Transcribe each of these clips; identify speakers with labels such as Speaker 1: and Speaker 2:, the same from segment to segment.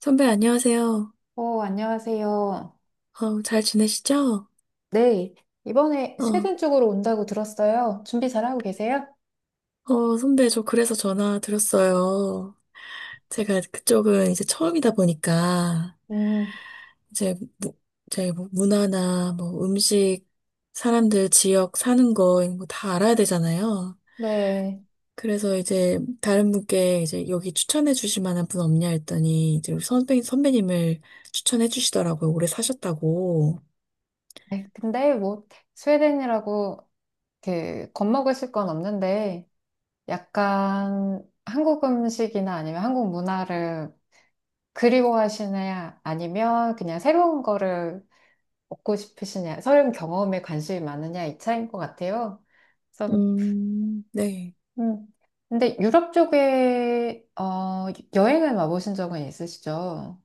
Speaker 1: 선배, 안녕하세요.
Speaker 2: 어, 안녕하세요.
Speaker 1: 어, 잘 지내시죠?
Speaker 2: 네, 이번에
Speaker 1: 어,
Speaker 2: 스웨덴 쪽으로 온다고 들었어요. 준비 잘하고 계세요?
Speaker 1: 어, 선배, 저 그래서 전화 드렸어요. 제가 그쪽은 이제 처음이다 보니까,
Speaker 2: 음,
Speaker 1: 이제, 제 뭐 문화나 뭐 음식, 사람들 지역 사는 거, 이런 거 다 알아야 되잖아요.
Speaker 2: 네.
Speaker 1: 그래서 이제 다른 분께 이제 여기 추천해 주실 만한 분 없냐 했더니, 이제 우리 선배님을 추천해 주시더라고요. 오래 사셨다고.
Speaker 2: 아이, 근데 뭐, 스웨덴이라고 그 겁먹으실 건 없는데, 약간 한국 음식이나 아니면 한국 문화를 그리워하시냐, 아니면 그냥 새로운 거를 먹고 싶으시냐, 새로운 경험에 관심이 많으냐, 이 차이인 것 같아요. 그래서
Speaker 1: 네.
Speaker 2: 음. 근데 유럽 쪽에 여행을 와보신 적은 있으시죠?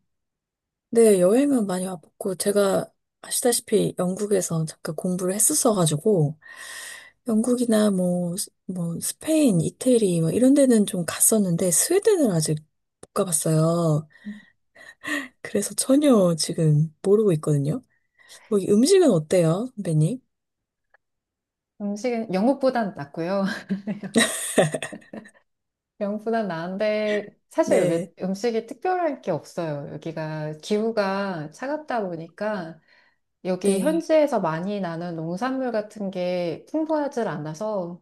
Speaker 1: 네, 여행은 많이 와봤고, 제가 아시다시피 영국에서 잠깐 공부를 했었어가지고, 영국이나 뭐, 뭐, 스페인, 이태리, 뭐 이런 데는 좀 갔었는데, 스웨덴은 아직 못 가봤어요. 그래서 전혀 지금 모르고 있거든요. 거기 음식은 어때요, 선배님?
Speaker 2: 음식은 영국보단 낫고요. 영국보단 나은데 사실 여기
Speaker 1: 네,
Speaker 2: 음식이 특별할 게 없어요. 여기가 기후가 차갑다 보니까 여기
Speaker 1: 네.
Speaker 2: 현지에서 많이 나는 농산물 같은 게 풍부하지 않아서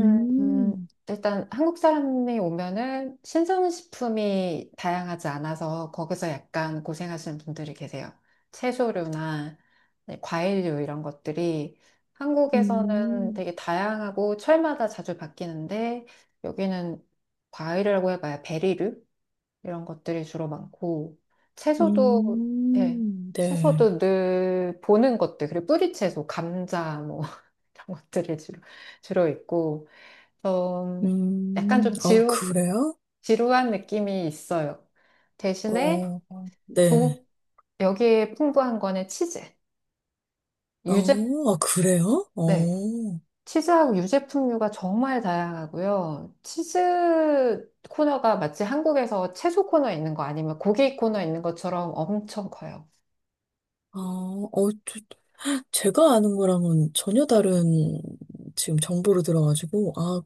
Speaker 2: 일단 한국 사람이 오면은 신선식품이 다양하지 않아서 거기서 약간 고생하시는 분들이 계세요. 채소류나 네, 과일류 이런 것들이 한국에서는
Speaker 1: 음,
Speaker 2: 되게 다양하고 철마다 자주 바뀌는데 여기는 과일이라고 해봐야 베리류 이런 것들이 주로 많고 채소도 예,
Speaker 1: 네.
Speaker 2: 채소도 늘 보는 것들 그리고 뿌리채소 감자 뭐 이런 것들이 주로 주로 있고 좀 약간 좀
Speaker 1: 어, 그래요?
Speaker 2: 지루한 느낌이 있어요. 대신에
Speaker 1: 어, 네.
Speaker 2: 조, 여기에 풍부한 거는 치즈. 유제,
Speaker 1: 어, 아, 그래요?
Speaker 2: 네.
Speaker 1: 어,
Speaker 2: 치즈하고 유제품류가 정말 다양하고요. 치즈 코너가 마치 한국에서 채소 코너 있는 거 아니면 고기 코너 있는 것처럼 엄청 커요.
Speaker 1: 아, 어, 제가 아는 거랑은 전혀 다른 지금 정보로 들어가지고, 아,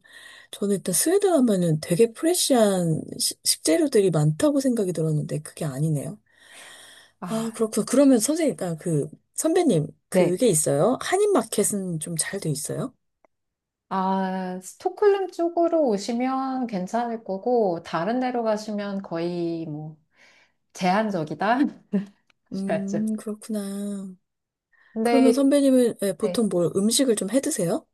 Speaker 1: 저는 일단 스웨덴 하면은 되게 프레시한 식재료들이 많다고 생각이 들었는데, 그게 아니네요. 아,
Speaker 2: 아,
Speaker 1: 그렇구나. 그러면 선생님, 아, 그, 선배님,
Speaker 2: 네.
Speaker 1: 그게 있어요? 한인마켓은 좀 잘 돼 있어요?
Speaker 2: 아, 스톡홀름 쪽으로 오시면 괜찮을 거고, 다른 데로 가시면 거의 뭐 제한적이다? 하셔야죠.
Speaker 1: 그렇구나. 그러면
Speaker 2: 근데
Speaker 1: 선배님은 예,
Speaker 2: 네.
Speaker 1: 보통 뭘 음식을 좀 해 드세요?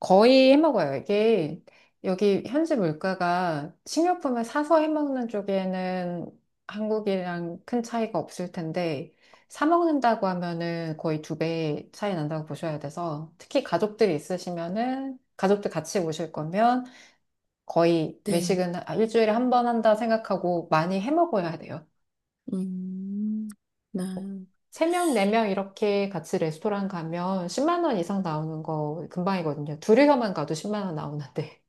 Speaker 2: 거의 해먹어요. 이게 여기 현지 물가가 식료품을 사서 해먹는 쪽에는 한국이랑 큰 차이가 없을 텐데 사 먹는다고 하면은 거의 두 배 차이 난다고 보셔야 돼서 특히 가족들이 있으시면은 가족들 같이 오실 거면 거의
Speaker 1: 네.
Speaker 2: 외식은 아, 일주일에 한 번 한다 생각하고 많이 해먹어야 돼요.
Speaker 1: 음, 나.
Speaker 2: 세 명, 네 명 이렇게 같이 레스토랑 가면 10만 원 이상 나오는 거 금방이거든요. 둘이서만 가도 10만 원 나오는데.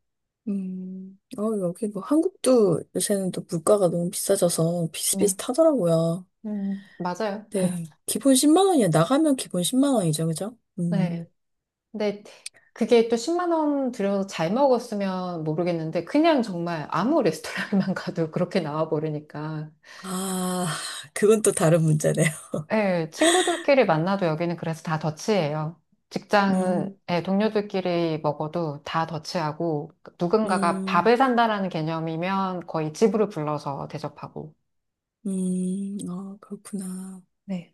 Speaker 1: 어, 여기 뭐 한국도 요새는 또 물가가 너무 비싸져서
Speaker 2: 네.
Speaker 1: 비슷비슷하더라고요.
Speaker 2: 맞아요.
Speaker 1: 네. 기본 10만 원이야. 나가면 기본 10만 원이죠. 그죠?
Speaker 2: 네.
Speaker 1: 음.
Speaker 2: 근데 그게 또 10만 원 들여서 잘 먹었으면 모르겠는데 그냥 정말 아무 레스토랑만 가도 그렇게 나와 버리니까.
Speaker 1: 아, 그건 또 다른 문제네요.
Speaker 2: 예, 친구들끼리 만나도 여기는 그래서 다 더치예요. 직장은
Speaker 1: 음,
Speaker 2: 예, 동료들끼리 먹어도 다 더치하고 누군가가
Speaker 1: 음,
Speaker 2: 밥을 산다라는 개념이면 거의 집으로 불러서 대접하고.
Speaker 1: 아, 그렇구나.
Speaker 2: 네.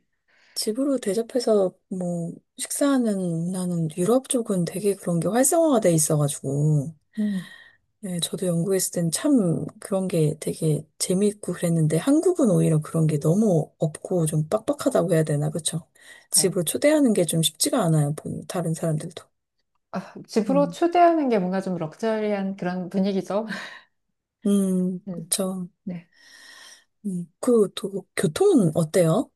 Speaker 1: 집으로 대접해서 뭐 식사하는 문화는 유럽 쪽은 되게 그런 게 활성화가 돼 있어가지고.
Speaker 2: 음.
Speaker 1: 네, 저도 연구했을 땐 참 그런 게 되게 재미있고 그랬는데 한국은 오히려 그런 게 너무 없고 좀 빡빡하다고 해야 되나, 그쵸?
Speaker 2: 예.
Speaker 1: 집으로 초대하는 게 좀 쉽지가 않아요, 다른 사람들도.
Speaker 2: 아, 집으로
Speaker 1: 음,
Speaker 2: 초대하는 게 뭔가 좀 럭셔리한 그런 분위기죠. 음,
Speaker 1: 그쵸.
Speaker 2: 네.
Speaker 1: 그리고 또 교통은 어때요?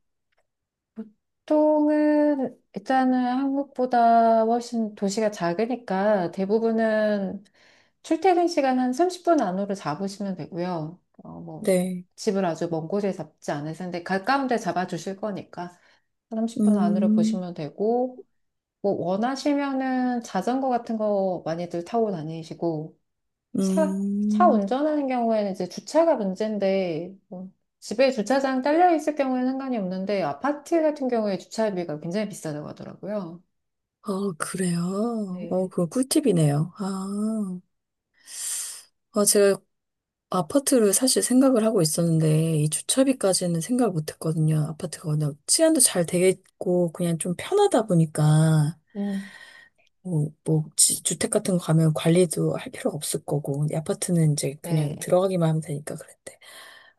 Speaker 2: 보통은 일단은 한국보다 훨씬 도시가 작으니까 대부분은 출퇴근 시간 한 30분 안으로 잡으시면 되고요. 뭐
Speaker 1: 네,
Speaker 2: 집을 아주 먼 곳에 잡지 않으실 텐데 가까운 데 잡아주실 거니까 30분 안으로
Speaker 1: 음,
Speaker 2: 보시면 되고 뭐 원하시면은 자전거 같은 거 많이들 타고 다니시고 차, 차
Speaker 1: 음,
Speaker 2: 운전하는 경우에는 이제 주차가 문제인데, 뭐 집에 주차장 딸려 있을 경우에는 상관이 없는데, 아파트 같은 경우에 주차비가 굉장히 비싸다고 하더라고요.
Speaker 1: 어, 그래요? 어,
Speaker 2: 네.
Speaker 1: 그거 꿀팁이네요. 아, 어, 제가 아파트를 사실 생각을 하고 있었는데, 이 주차비까지는 생각을 못 했거든요. 아파트가 워낙 치안도 잘 되어 있고, 그냥 좀 편하다 보니까,
Speaker 2: 음.
Speaker 1: 뭐, 뭐, 주택 같은 거 가면 관리도 할 필요가 없을 거고, 근데 아파트는 이제 그냥
Speaker 2: 네.
Speaker 1: 들어가기만 하면 되니까 그랬대.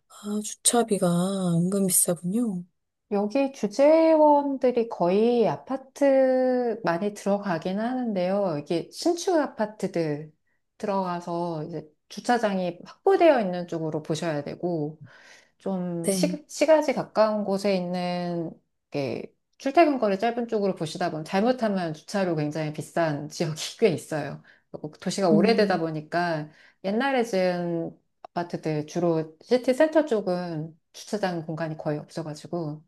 Speaker 1: 아, 주차비가 은근 비싸군요.
Speaker 2: 여기 주재원들이 거의 아파트 많이 들어가긴 하는데요. 이게 신축 아파트들 들어가서 이제 주차장이 확보되어 있는 쪽으로 보셔야 되고, 좀
Speaker 1: 네.
Speaker 2: 시가지 가까운 곳에 있는 게 출퇴근 거리 짧은 쪽으로 보시다 보면 잘못하면 주차료 굉장히 비싼 지역이 꽤 있어요. 그리고 도시가 오래되다
Speaker 1: 음,
Speaker 2: 보니까 옛날에 지은 아파트들 주로 시티 센터 쪽은 주차장 공간이 거의 없어가지고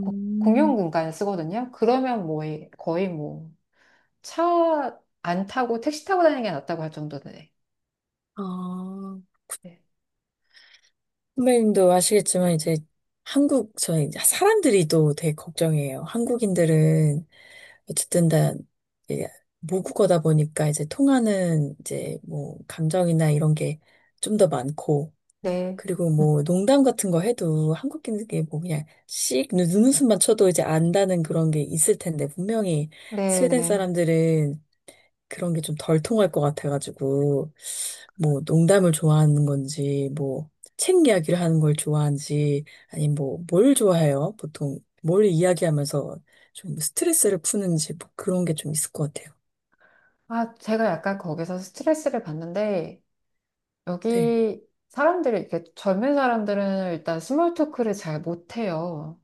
Speaker 2: 고- 공용 공간을 쓰거든요. 그러면 뭐 거의 뭐 차 안 타고 택시 타고 다니는 게 낫다고 할 정도네.
Speaker 1: 아.
Speaker 2: 네.
Speaker 1: 선배님도 아시겠지만, 이제 한국, 저희 사람들이 또 되게 걱정이에요. 한국인들은 어쨌든 다 이제 모국어다 보니까 이제 통하는 이제 뭐 감정이나 이런 게 좀 더 많고
Speaker 2: 네.
Speaker 1: 그리고 뭐 농담 같은 거 해도 한국인들께 뭐 그냥 씩 눈웃음만 쳐도 이제 안다는 그런 게 있을 텐데 분명히
Speaker 2: 네.
Speaker 1: 스웨덴
Speaker 2: 네.
Speaker 1: 사람들은 그런 게 좀 덜 통할 것 같아가지고, 뭐, 농담을 좋아하는 건지, 뭐, 책 이야기를 하는 걸 좋아하는지, 아니, 뭐, 뭘 좋아해요? 보통, 뭘 이야기하면서 좀 스트레스를 푸는지, 뭐 그런 게 좀 있을 것 같아요.
Speaker 2: 아, 제가 약간 거기서 스트레스를 받는데,
Speaker 1: 네.
Speaker 2: 여기 사람들이, 이렇게 젊은 사람들은 일단 스몰 토크를 잘 못해요.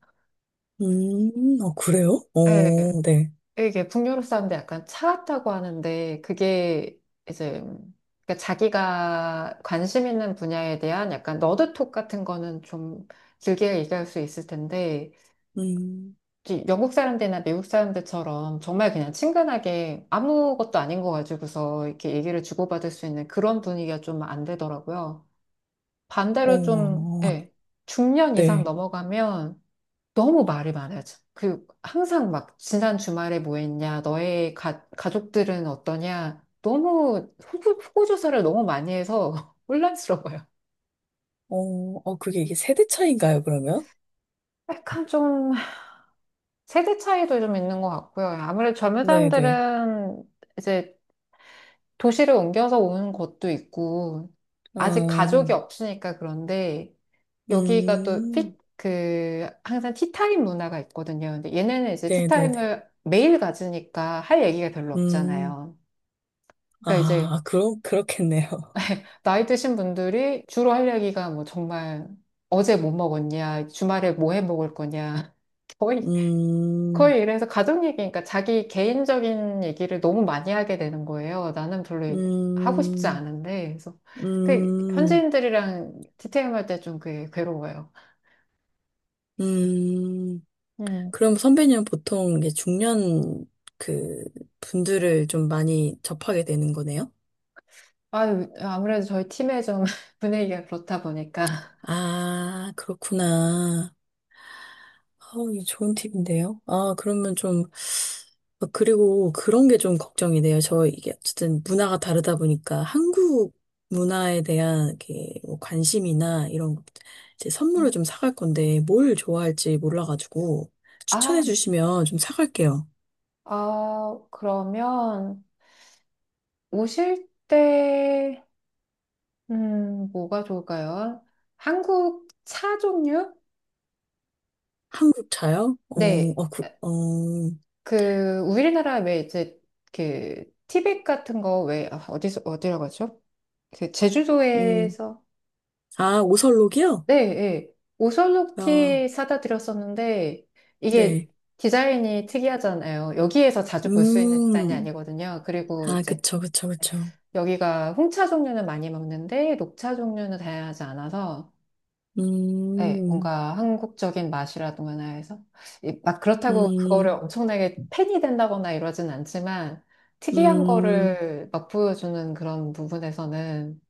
Speaker 1: 어, 그래요?
Speaker 2: 예,
Speaker 1: 어, 네.
Speaker 2: 이게 북유럽 사람들 약간 차갑다고 하는데, 그게 이제, 그러니까 자기가 관심 있는 분야에 대한 약간 너드톡 같은 거는 좀 길게 얘기할 수 있을 텐데,
Speaker 1: 음,
Speaker 2: 이제 영국 사람들이나 미국 사람들처럼 정말 그냥 친근하게 아무것도 아닌 거 가지고서 이렇게 얘기를 주고받을 수 있는 그런 분위기가 좀 안 되더라고요. 반대로 좀,
Speaker 1: 어,
Speaker 2: 예, 중년 이상
Speaker 1: 네.
Speaker 2: 넘어가면 너무 말이 많아져. 그 항상 막 지난 주말에 뭐 했냐, 너의 가족들은 어떠냐, 너무 후보 조사를 너무 많이 해서 혼란스러워요.
Speaker 1: 어, 어, 그게 이게 세대 차이인가요, 그러면?
Speaker 2: 약간 좀 세대 차이도 좀 있는 것 같고요. 아무래도 젊은
Speaker 1: 네네.
Speaker 2: 사람들은 이제 도시를 옮겨서 오는 것도 있고,
Speaker 1: 아,
Speaker 2: 아직 가족이 없으니까 그런데 여기가 또
Speaker 1: 음,
Speaker 2: 그 항상 티타임 문화가 있거든요. 근데 얘네는 이제
Speaker 1: 네네네.
Speaker 2: 티타임을 매일 가지니까 할 얘기가 별로
Speaker 1: 음,
Speaker 2: 없잖아요. 그러니까 이제
Speaker 1: 아, 그럼, 그렇겠네요.
Speaker 2: 나이 드신 분들이 주로 할 얘기가 뭐 정말 어제 뭐 먹었냐, 주말에 뭐 해 먹을 거냐. 거의,
Speaker 1: 음,
Speaker 2: 거의 이래서 가족 얘기니까 자기 개인적인 얘기를 너무 많이 하게 되는 거예요. 나는 별로 하고 싶지
Speaker 1: 음,
Speaker 2: 않은데. 그래서 그
Speaker 1: 음,
Speaker 2: 현지인들이랑 티타임 할 때 좀 그게 괴로워요.
Speaker 1: 음.
Speaker 2: 음.
Speaker 1: 그럼 선배님은 보통 이게 중년 그 분들을 좀 많이 접하게 되는 거네요?
Speaker 2: 아유, 아무래도 저희 팀의 좀 분위기가 그렇다 보니까.
Speaker 1: 아, 그렇구나. 아, 이거 좋은 팁인데요. 아, 그러면 좀, 아, 그리고 그런 게 좀 걱정이 돼요. 저 이게 어쨌든 문화가 다르다 보니까 한국 문화에 대한 이렇게 뭐 관심이나 이런 것, 이제 선물을 좀 사갈 건데 뭘 좋아할지 몰라가지고
Speaker 2: 아,
Speaker 1: 추천해 주시면 좀 사갈게요.
Speaker 2: 아, 그러면 오실 때, 뭐가 좋을까요? 한국 차 종류?
Speaker 1: 한국 차요? 어,
Speaker 2: 네,
Speaker 1: 어, 그, 어,
Speaker 2: 그, 우리나라 왜 이제 그, 티백 같은 거 왜, 아, 어디서, 어디라고 하죠? 그,
Speaker 1: 음,
Speaker 2: 제주도에서
Speaker 1: 아, 오설록이요?
Speaker 2: 네, 예.
Speaker 1: 아,
Speaker 2: 오셜록티 사다 드렸었는데, 이게
Speaker 1: 네.
Speaker 2: 디자인이 특이하잖아요. 여기에서 자주 볼 수 있는 디자인이
Speaker 1: 음,
Speaker 2: 아니거든요. 그리고
Speaker 1: 아,
Speaker 2: 이제
Speaker 1: 그쵸, 그쵸, 그쵸.
Speaker 2: 여기가 홍차 종류는 많이 먹는데, 녹차 종류는 다양하지 않아서, 예,
Speaker 1: 음,
Speaker 2: 뭔가 한국적인 맛이라든가 해서, 막 그렇다고 그거를
Speaker 1: 음.
Speaker 2: 엄청나게 팬이 된다거나 이러진 않지만, 특이한
Speaker 1: 음,
Speaker 2: 거를 막 보여주는 그런 부분에서는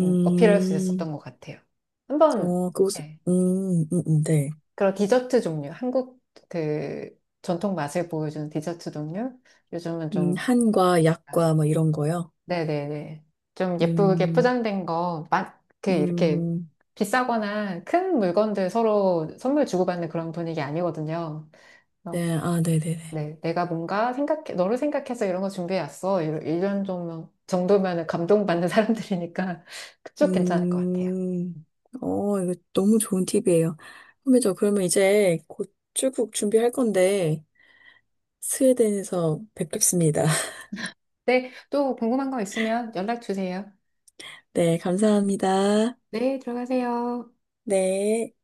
Speaker 2: 어필할 수 있었던 것 같아요. 한번,
Speaker 1: 어, 그곳,
Speaker 2: 예.
Speaker 1: 네.
Speaker 2: 그런 디저트 종류, 한국 그 전통 맛을 보여주는 디저트 종류? 요즘은 좀,
Speaker 1: 한과 약과 뭐 이런 거요.
Speaker 2: 네네네. 좀 예쁘게
Speaker 1: 음,
Speaker 2: 포장된 거, 그 이렇게
Speaker 1: 음,
Speaker 2: 비싸거나 큰 물건들 서로 선물 주고받는 그런 분위기 아니거든요. 그래서
Speaker 1: 네, 아, 네네네.
Speaker 2: 네, 내가 뭔가 생각해, 너를 생각해서 이런 거 준비해왔어. 이런 이런 정도면은 감동받는 사람들이니까 그쪽 괜찮을 것 같아요.
Speaker 1: 음, 어, 이거 너무 좋은 팁이에요. 선배저 그러면 이제 곧 출국 준비할 건데, 스웨덴에서 뵙겠습니다.
Speaker 2: 네, 또 궁금한 거 있으면 연락 주세요.
Speaker 1: 네, 감사합니다.
Speaker 2: 네, 들어가세요.
Speaker 1: 네.